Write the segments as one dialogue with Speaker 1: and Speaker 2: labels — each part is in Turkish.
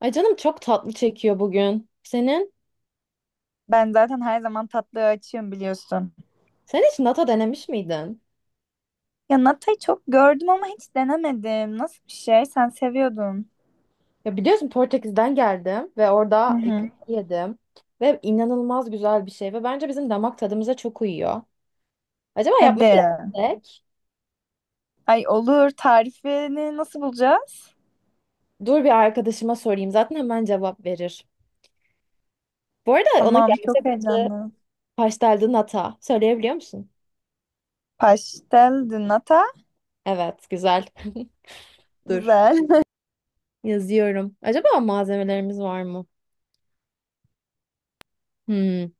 Speaker 1: Ay canım çok tatlı çekiyor bugün. Senin?
Speaker 2: Ben zaten her zaman tatlıya açığım biliyorsun.
Speaker 1: Sen hiç nata denemiş miydin?
Speaker 2: Ya Nata'yı çok gördüm ama hiç denemedim. Nasıl bir şey? Sen seviyordun.
Speaker 1: Ya biliyorsun Portekiz'den geldim ve
Speaker 2: Hı
Speaker 1: orada
Speaker 2: hı.
Speaker 1: yedim. Ve inanılmaz güzel bir şey ve bence bizim damak tadımıza çok uyuyor. Acaba yapmayı
Speaker 2: Hadi.
Speaker 1: mı denesek?
Speaker 2: Ay olur. Tarifini nasıl bulacağız?
Speaker 1: Dur bir arkadaşıma sorayım. Zaten hemen cevap verir. Bu arada onun
Speaker 2: Tamam, çok
Speaker 1: gerçek adı
Speaker 2: heyecanlı.
Speaker 1: pasteldi nata. Söyleyebiliyor musun?
Speaker 2: Pastel de nata.
Speaker 1: Evet, güzel. Dur.
Speaker 2: Güzel.
Speaker 1: Yazıyorum. Acaba malzemelerimiz var mı? Hmm.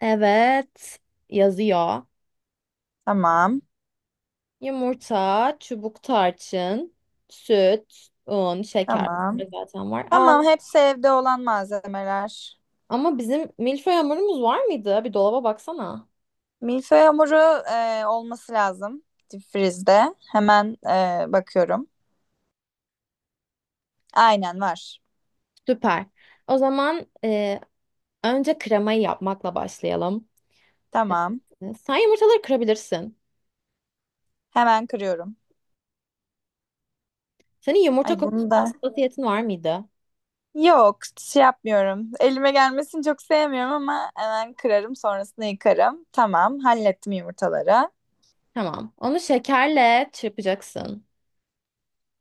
Speaker 1: Evet. Yazıyor.
Speaker 2: Tamam.
Speaker 1: Yumurta, çubuk tarçın, süt, un, şeker.
Speaker 2: Tamam.
Speaker 1: Bunlar zaten var. Aa,
Speaker 2: Tamam, hepsi evde olan malzemeler.
Speaker 1: ama bizim milföy hamurumuz var mıydı? Bir dolaba baksana.
Speaker 2: Milföy hamuru olması lazım. Dipfrizde. Hemen bakıyorum. Aynen var.
Speaker 1: Süper. O zaman önce kremayı yapmakla başlayalım.
Speaker 2: Tamam.
Speaker 1: E, sen yumurtaları kırabilirsin.
Speaker 2: Hemen kırıyorum.
Speaker 1: Senin
Speaker 2: Ay
Speaker 1: yumurta
Speaker 2: bunu
Speaker 1: konusunda
Speaker 2: da
Speaker 1: hassasiyetin var mıydı?
Speaker 2: Yok, şey yapmıyorum. Elime gelmesini çok sevmiyorum ama hemen kırarım, sonrasında yıkarım. Tamam, hallettim yumurtaları.
Speaker 1: Tamam. Onu şekerle çırpacaksın.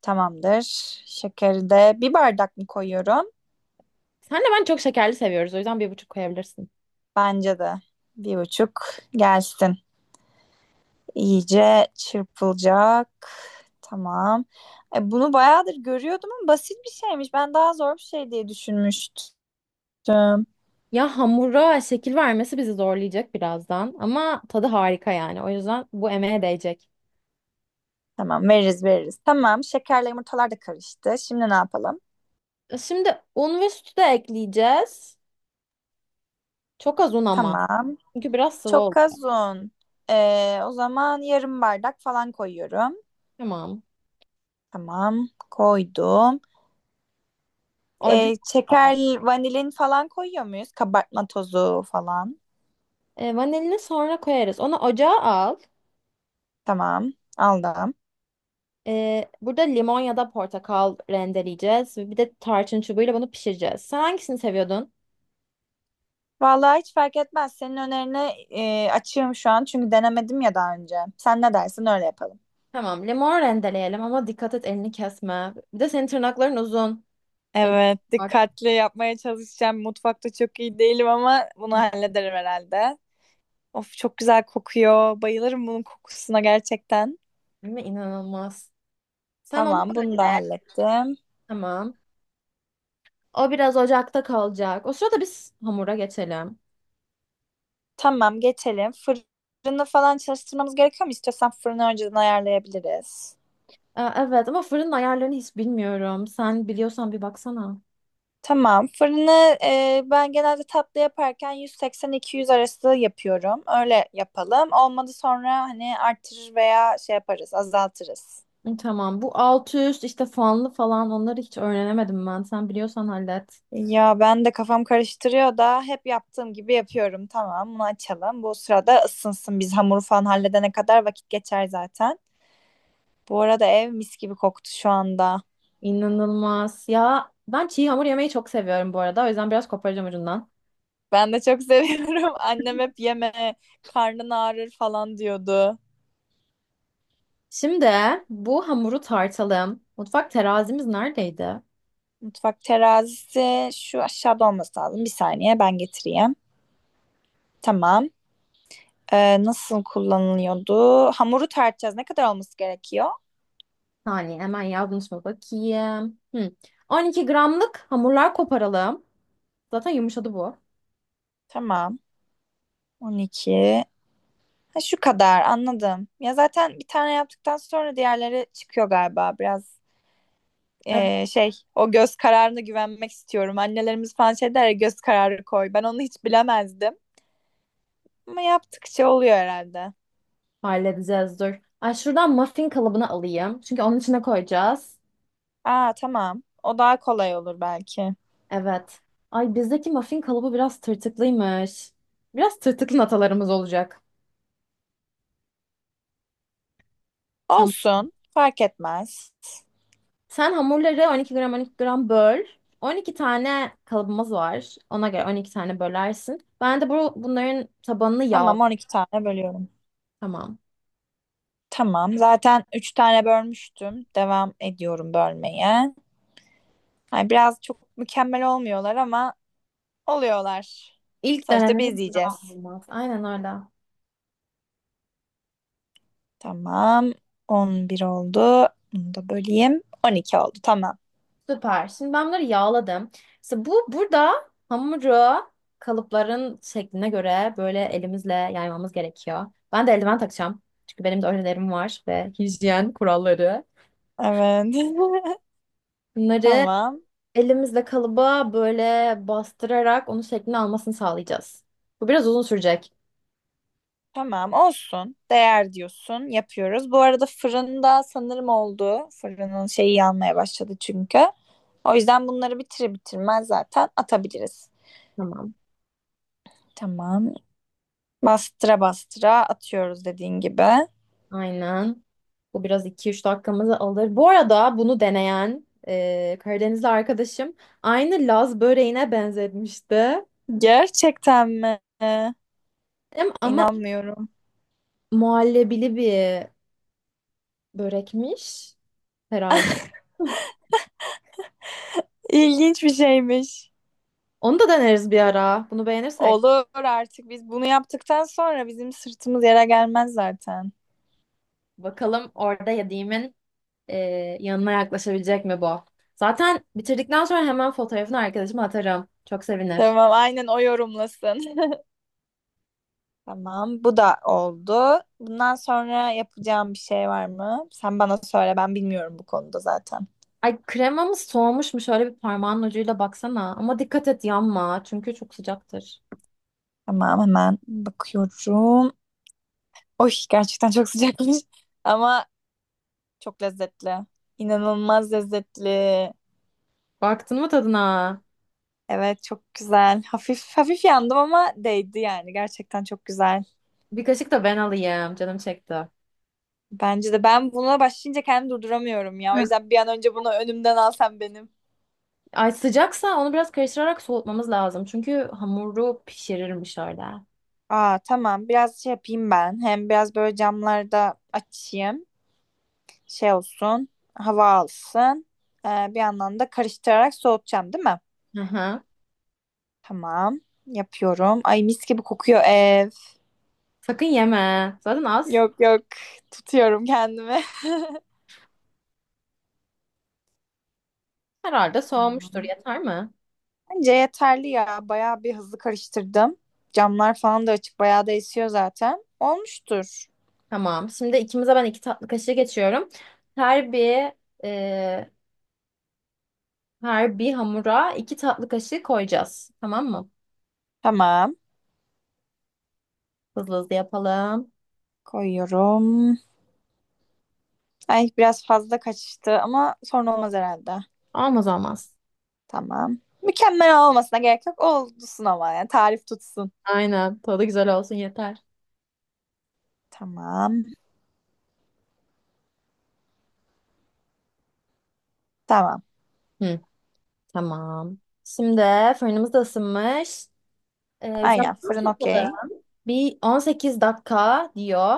Speaker 2: Tamamdır. Şekeri de bir bardak mı koyuyorum?
Speaker 1: Senle ben çok şekerli seviyoruz. O yüzden 1,5 koyabilirsin.
Speaker 2: Bence de bir buçuk gelsin. İyice çırpılacak. Tamam. Bunu bayağıdır görüyordum ama basit bir şeymiş. Ben daha zor bir şey diye düşünmüştüm.
Speaker 1: Ya hamura şekil vermesi bizi zorlayacak birazdan ama tadı harika yani. O yüzden bu emeğe değecek.
Speaker 2: Tamam, veririz veririz. Tamam, şekerle yumurtalar da karıştı. Şimdi ne yapalım?
Speaker 1: E, şimdi un ve sütü de ekleyeceğiz. Çok az un ama.
Speaker 2: Tamam.
Speaker 1: Çünkü biraz sıvı
Speaker 2: Çok
Speaker 1: oldu.
Speaker 2: az un. O zaman yarım bardak falan koyuyorum.
Speaker 1: Tamam.
Speaker 2: Tamam, koydum.
Speaker 1: Ocağa
Speaker 2: Ee,
Speaker 1: al.
Speaker 2: şeker, vanilin falan koyuyor muyuz? Kabartma tozu falan.
Speaker 1: E, vanilini sonra koyarız. Onu ocağa al.
Speaker 2: Tamam, aldım.
Speaker 1: E, burada limon ya da portakal rendeleyeceğiz. Ve bir de tarçın çubuğuyla bunu pişireceğiz. Sen hangisini seviyordun?
Speaker 2: Vallahi hiç fark etmez. Senin önerine açığım şu an çünkü denemedim ya daha önce. Sen ne dersin öyle yapalım.
Speaker 1: Tamam, limon rendeleyelim ama dikkat et elini kesme. Bir de senin tırnakların uzun. El
Speaker 2: Evet,
Speaker 1: bak,
Speaker 2: dikkatli yapmaya çalışacağım. Mutfakta çok iyi değilim ama bunu hallederim herhalde. Of çok güzel kokuyor. Bayılırım bunun kokusuna gerçekten.
Speaker 1: değil mi? İnanılmaz. Sen onu
Speaker 2: Tamam, bunu
Speaker 1: öyle.
Speaker 2: da hallettim.
Speaker 1: Tamam. O biraz ocakta kalacak. O sırada biz hamura geçelim.
Speaker 2: Tamam, geçelim. Fırını falan çalıştırmamız gerekiyor mu? İstiyorsan fırını önceden ayarlayabiliriz.
Speaker 1: Evet ama fırının ayarlarını hiç bilmiyorum. Sen biliyorsan bir baksana.
Speaker 2: Tamam, fırını ben genelde tatlı yaparken 180-200 arası yapıyorum. Öyle yapalım. Olmadı sonra hani artırır veya şey yaparız, azaltırız.
Speaker 1: Hı, tamam. Bu alt üst işte fanlı falan onları hiç öğrenemedim ben. Sen biliyorsan hallet.
Speaker 2: Ya ben de kafam karıştırıyor da hep yaptığım gibi yapıyorum. Tamam, bunu açalım. Bu sırada ısınsın. Biz hamuru falan halledene kadar vakit geçer zaten. Bu arada ev mis gibi koktu şu anda.
Speaker 1: İnanılmaz. Ya ben çiğ hamur yemeyi çok seviyorum bu arada. O yüzden biraz koparacağım ucundan.
Speaker 2: Ben de çok seviyorum. Annem hep yeme, karnın ağrır falan diyordu.
Speaker 1: Şimdi bu hamuru tartalım. Mutfak terazimiz neredeydi?
Speaker 2: Mutfak terazisi şu aşağıda olması lazım. Bir saniye ben getireyim. Tamam. Nasıl kullanılıyordu? Hamuru tartacağız. Ne kadar olması gerekiyor?
Speaker 1: Hani hemen yazmış mı bakayım. Hı. 12 gramlık hamurlar koparalım. Zaten yumuşadı bu.
Speaker 2: Tamam. 12. Ha, şu kadar anladım. Ya zaten bir tane yaptıktan sonra diğerleri çıkıyor galiba. Biraz şey o göz kararına güvenmek istiyorum. Annelerimiz falan şey der ya, göz kararı koy. Ben onu hiç bilemezdim. Ama yaptıkça oluyor herhalde.
Speaker 1: Halledeceğiz dur. Ay şuradan muffin kalıbını alayım. Çünkü onun içine koyacağız.
Speaker 2: Aa, tamam. O daha kolay olur belki.
Speaker 1: Evet. Ay bizdeki muffin kalıbı biraz tırtıklıymış. Biraz tırtıklı natalarımız olacak. Tamam.
Speaker 2: Olsun. Fark etmez.
Speaker 1: Sen hamurları 12 gram 12 gram böl. 12 tane kalıbımız var. Ona göre 12 tane bölersin. Ben de bu bunların tabanını yağ.
Speaker 2: Tamam, 12 tane bölüyorum.
Speaker 1: Tamam.
Speaker 2: Tamam. Zaten 3 tane bölmüştüm. Devam ediyorum bölmeye. Hani biraz çok mükemmel olmuyorlar ama oluyorlar.
Speaker 1: İlk
Speaker 2: Sonuçta biz
Speaker 1: denemenin yağ
Speaker 2: yiyeceğiz.
Speaker 1: olmaz. Aynen öyle.
Speaker 2: Tamam. 11 oldu. Bunu da böleyim. 12 oldu. Tamam.
Speaker 1: Süper. Şimdi ben bunları yağladım. İşte bu burada hamuru kalıpların şekline göre böyle elimizle yaymamız gerekiyor. Ben de eldiven takacağım. Çünkü benim de öğrelerim var ve hijyen kuralları.
Speaker 2: Evet.
Speaker 1: Bunları
Speaker 2: Tamam.
Speaker 1: elimizle kalıba böyle bastırarak onun şeklini almasını sağlayacağız. Bu biraz uzun sürecek.
Speaker 2: Tamam olsun. Değer diyorsun. Yapıyoruz. Bu arada fırında sanırım oldu. Fırının şeyi yanmaya başladı çünkü. O yüzden bunları bitire bitirmez zaten atabiliriz.
Speaker 1: Tamam.
Speaker 2: Tamam. Bastıra bastıra atıyoruz dediğin gibi.
Speaker 1: Aynen. Bu biraz 2-3 dakikamızı alır. Bu arada bunu deneyen Karadenizli arkadaşım aynı Laz böreğine benzetmişti.
Speaker 2: Gerçekten mi?
Speaker 1: Ama
Speaker 2: İnanmıyorum.
Speaker 1: muhallebili bir börekmiş herhalde.
Speaker 2: İlginç bir şeymiş.
Speaker 1: Onu da deneriz bir ara. Bunu beğenirsek.
Speaker 2: Olur, artık biz bunu yaptıktan sonra bizim sırtımız yere gelmez zaten.
Speaker 1: Bakalım orada yediğimin e, yanına yaklaşabilecek mi bu? Zaten bitirdikten sonra hemen fotoğrafını arkadaşıma atarım. Çok sevinir.
Speaker 2: Tamam, aynen o yorumlasın. Tamam, bu da oldu. Bundan sonra yapacağım bir şey var mı? Sen bana söyle, ben bilmiyorum bu konuda zaten.
Speaker 1: Ay kremamız soğumuş mu? Şöyle bir parmağın ucuyla baksana. Ama dikkat et yanma. Çünkü çok sıcaktır.
Speaker 2: Tamam, hemen bakıyorum. Oy, gerçekten çok sıcakmış ama çok lezzetli. İnanılmaz lezzetli.
Speaker 1: Baktın mı tadına?
Speaker 2: Evet, çok güzel. Hafif hafif yandım ama değdi yani. Gerçekten çok güzel.
Speaker 1: Bir kaşık da ben alayım. Canım çekti.
Speaker 2: Bence de ben buna başlayınca kendimi durduramıyorum ya. O
Speaker 1: Heh.
Speaker 2: yüzden bir an önce bunu önümden alsam benim.
Speaker 1: Ay sıcaksa onu biraz karıştırarak soğutmamız lazım. Çünkü hamuru pişirirmiş öyle.
Speaker 2: Aa, tamam, biraz şey yapayım ben. Hem biraz böyle camlarda açayım. Şey olsun, hava alsın. Bir yandan da karıştırarak soğutacağım, değil mi?
Speaker 1: Hı hı.
Speaker 2: Tamam. Yapıyorum. Ay mis gibi kokuyor ev.
Speaker 1: Sakın yeme. Zaten az.
Speaker 2: Yok, yok. Tutuyorum kendimi.
Speaker 1: Herhalde soğumuştur.
Speaker 2: Tamam.
Speaker 1: Yeter mi?
Speaker 2: Bence yeterli ya. Bayağı bir hızlı karıştırdım. Camlar falan da açık. Bayağı da esiyor zaten. Olmuştur.
Speaker 1: Tamam. Şimdi ikimize ben 2 tatlı kaşığı geçiyorum. Her bir e, hamura 2 tatlı kaşığı koyacağız. Tamam mı?
Speaker 2: Tamam.
Speaker 1: Hızlı hızlı yapalım.
Speaker 2: Koyuyorum. Ay biraz fazla kaçtı ama sorun olmaz herhalde.
Speaker 1: Olmaz olmaz.
Speaker 2: Tamam. Mükemmel olmasına gerek yok. Olsun ama yani tarif tutsun.
Speaker 1: Aynen. Tadı güzel olsun yeter.
Speaker 2: Tamam. Tamam.
Speaker 1: Hı, tamam. Şimdi fırınımız da ısınmış. E, zaman
Speaker 2: Aynen, fırın
Speaker 1: tutmadı.
Speaker 2: okey.
Speaker 1: Bir 18 dakika diyor.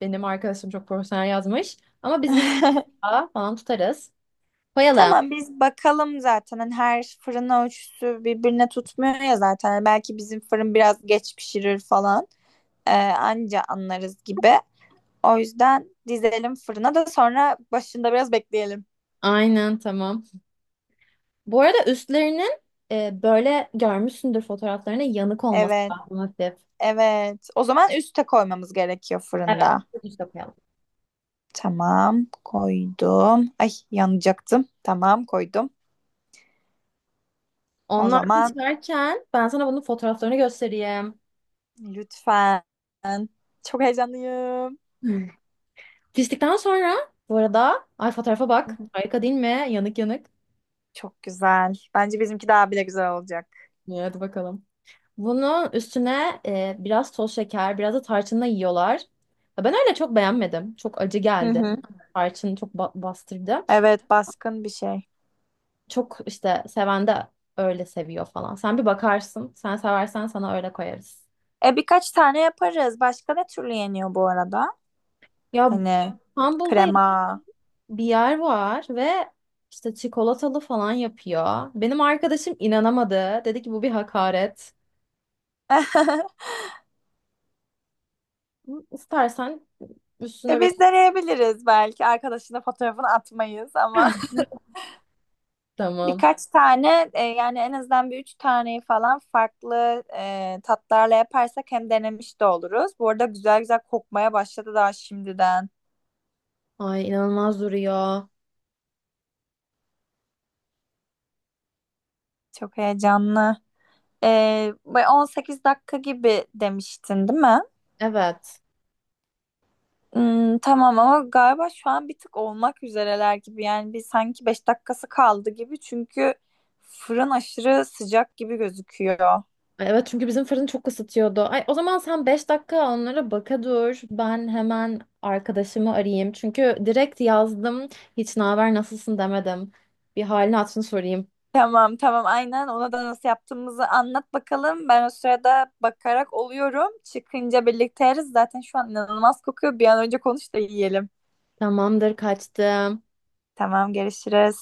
Speaker 1: Benim arkadaşım çok profesyonel yazmış. Ama biz bir 20 dakika falan tutarız. Koyalım.
Speaker 2: Tamam, biz bakalım zaten hani her fırın ölçüsü birbirine tutmuyor ya zaten. Hani belki bizim fırın biraz geç pişirir falan. Anca anlarız gibi. O yüzden dizelim fırına da sonra başında biraz bekleyelim.
Speaker 1: Aynen tamam. Bu arada üstlerinin böyle görmüşsündür fotoğraflarını yanık olması
Speaker 2: Evet,
Speaker 1: lazım hafif.
Speaker 2: evet, o zaman üste koymamız gerekiyor
Speaker 1: Evet.
Speaker 2: fırında.
Speaker 1: Üste koyalım.
Speaker 2: Tamam, koydum. Ay yanacaktım. Tamam, koydum. O
Speaker 1: Onlar
Speaker 2: zaman
Speaker 1: pişerken ben sana bunun fotoğraflarını göstereyim.
Speaker 2: lütfen. Çok heyecanlıyım.
Speaker 1: Hmm. Piştikten sonra bu arada ay fotoğrafa bak. Harika değil mi? Yanık yanık.
Speaker 2: Çok güzel. Bence bizimki daha bile güzel olacak.
Speaker 1: Evet hadi bakalım. Bunun üstüne biraz toz şeker, biraz da tarçınla yiyorlar. Ya ben öyle çok beğenmedim. Çok acı
Speaker 2: Hı
Speaker 1: geldi.
Speaker 2: hı.
Speaker 1: Tarçın çok bastırdı.
Speaker 2: Evet, baskın bir şey.
Speaker 1: Çok işte seven de öyle seviyor falan. Sen bir bakarsın. Sen seversen sana öyle koyarız.
Speaker 2: Birkaç tane yaparız. Başka ne türlü yeniyor bu arada?
Speaker 1: Ya
Speaker 2: Hani
Speaker 1: İstanbul'da
Speaker 2: krema.
Speaker 1: bir yer var ve işte çikolatalı falan yapıyor. Benim arkadaşım inanamadı. Dedi ki bu bir hakaret. İstersen üstüne
Speaker 2: Biz
Speaker 1: biraz...
Speaker 2: deneyebiliriz belki. Arkadaşına fotoğrafını atmayız ama
Speaker 1: Tamam.
Speaker 2: birkaç tane yani en azından bir üç taneyi falan farklı tatlarla yaparsak hem denemiş de oluruz. Bu arada güzel güzel kokmaya başladı daha şimdiden.
Speaker 1: Ay inanılmaz duruyor.
Speaker 2: Çok heyecanlı. Bu 18 dakika gibi demiştin, değil mi?
Speaker 1: Evet.
Speaker 2: Tamam ama galiba şu an bir tık olmak üzereler gibi. Yani bir sanki 5 dakikası kaldı gibi. Çünkü fırın aşırı sıcak gibi gözüküyor.
Speaker 1: Ay evet çünkü bizim fırın çok ısıtıyordu. Ay, o zaman sen 5 dakika onlara baka dur. Ben hemen arkadaşımı arayayım. Çünkü direkt yazdım. Hiç naber nasılsın demedim. Bir halini hatırını sorayım.
Speaker 2: Tamam, tamam, aynen ona da nasıl yaptığımızı anlat bakalım. Ben o sırada bakarak oluyorum. Çıkınca birlikte yeriz. Zaten şu an inanılmaz kokuyor. Bir an önce konuş da yiyelim.
Speaker 1: Tamamdır kaçtım.
Speaker 2: Tamam, görüşürüz.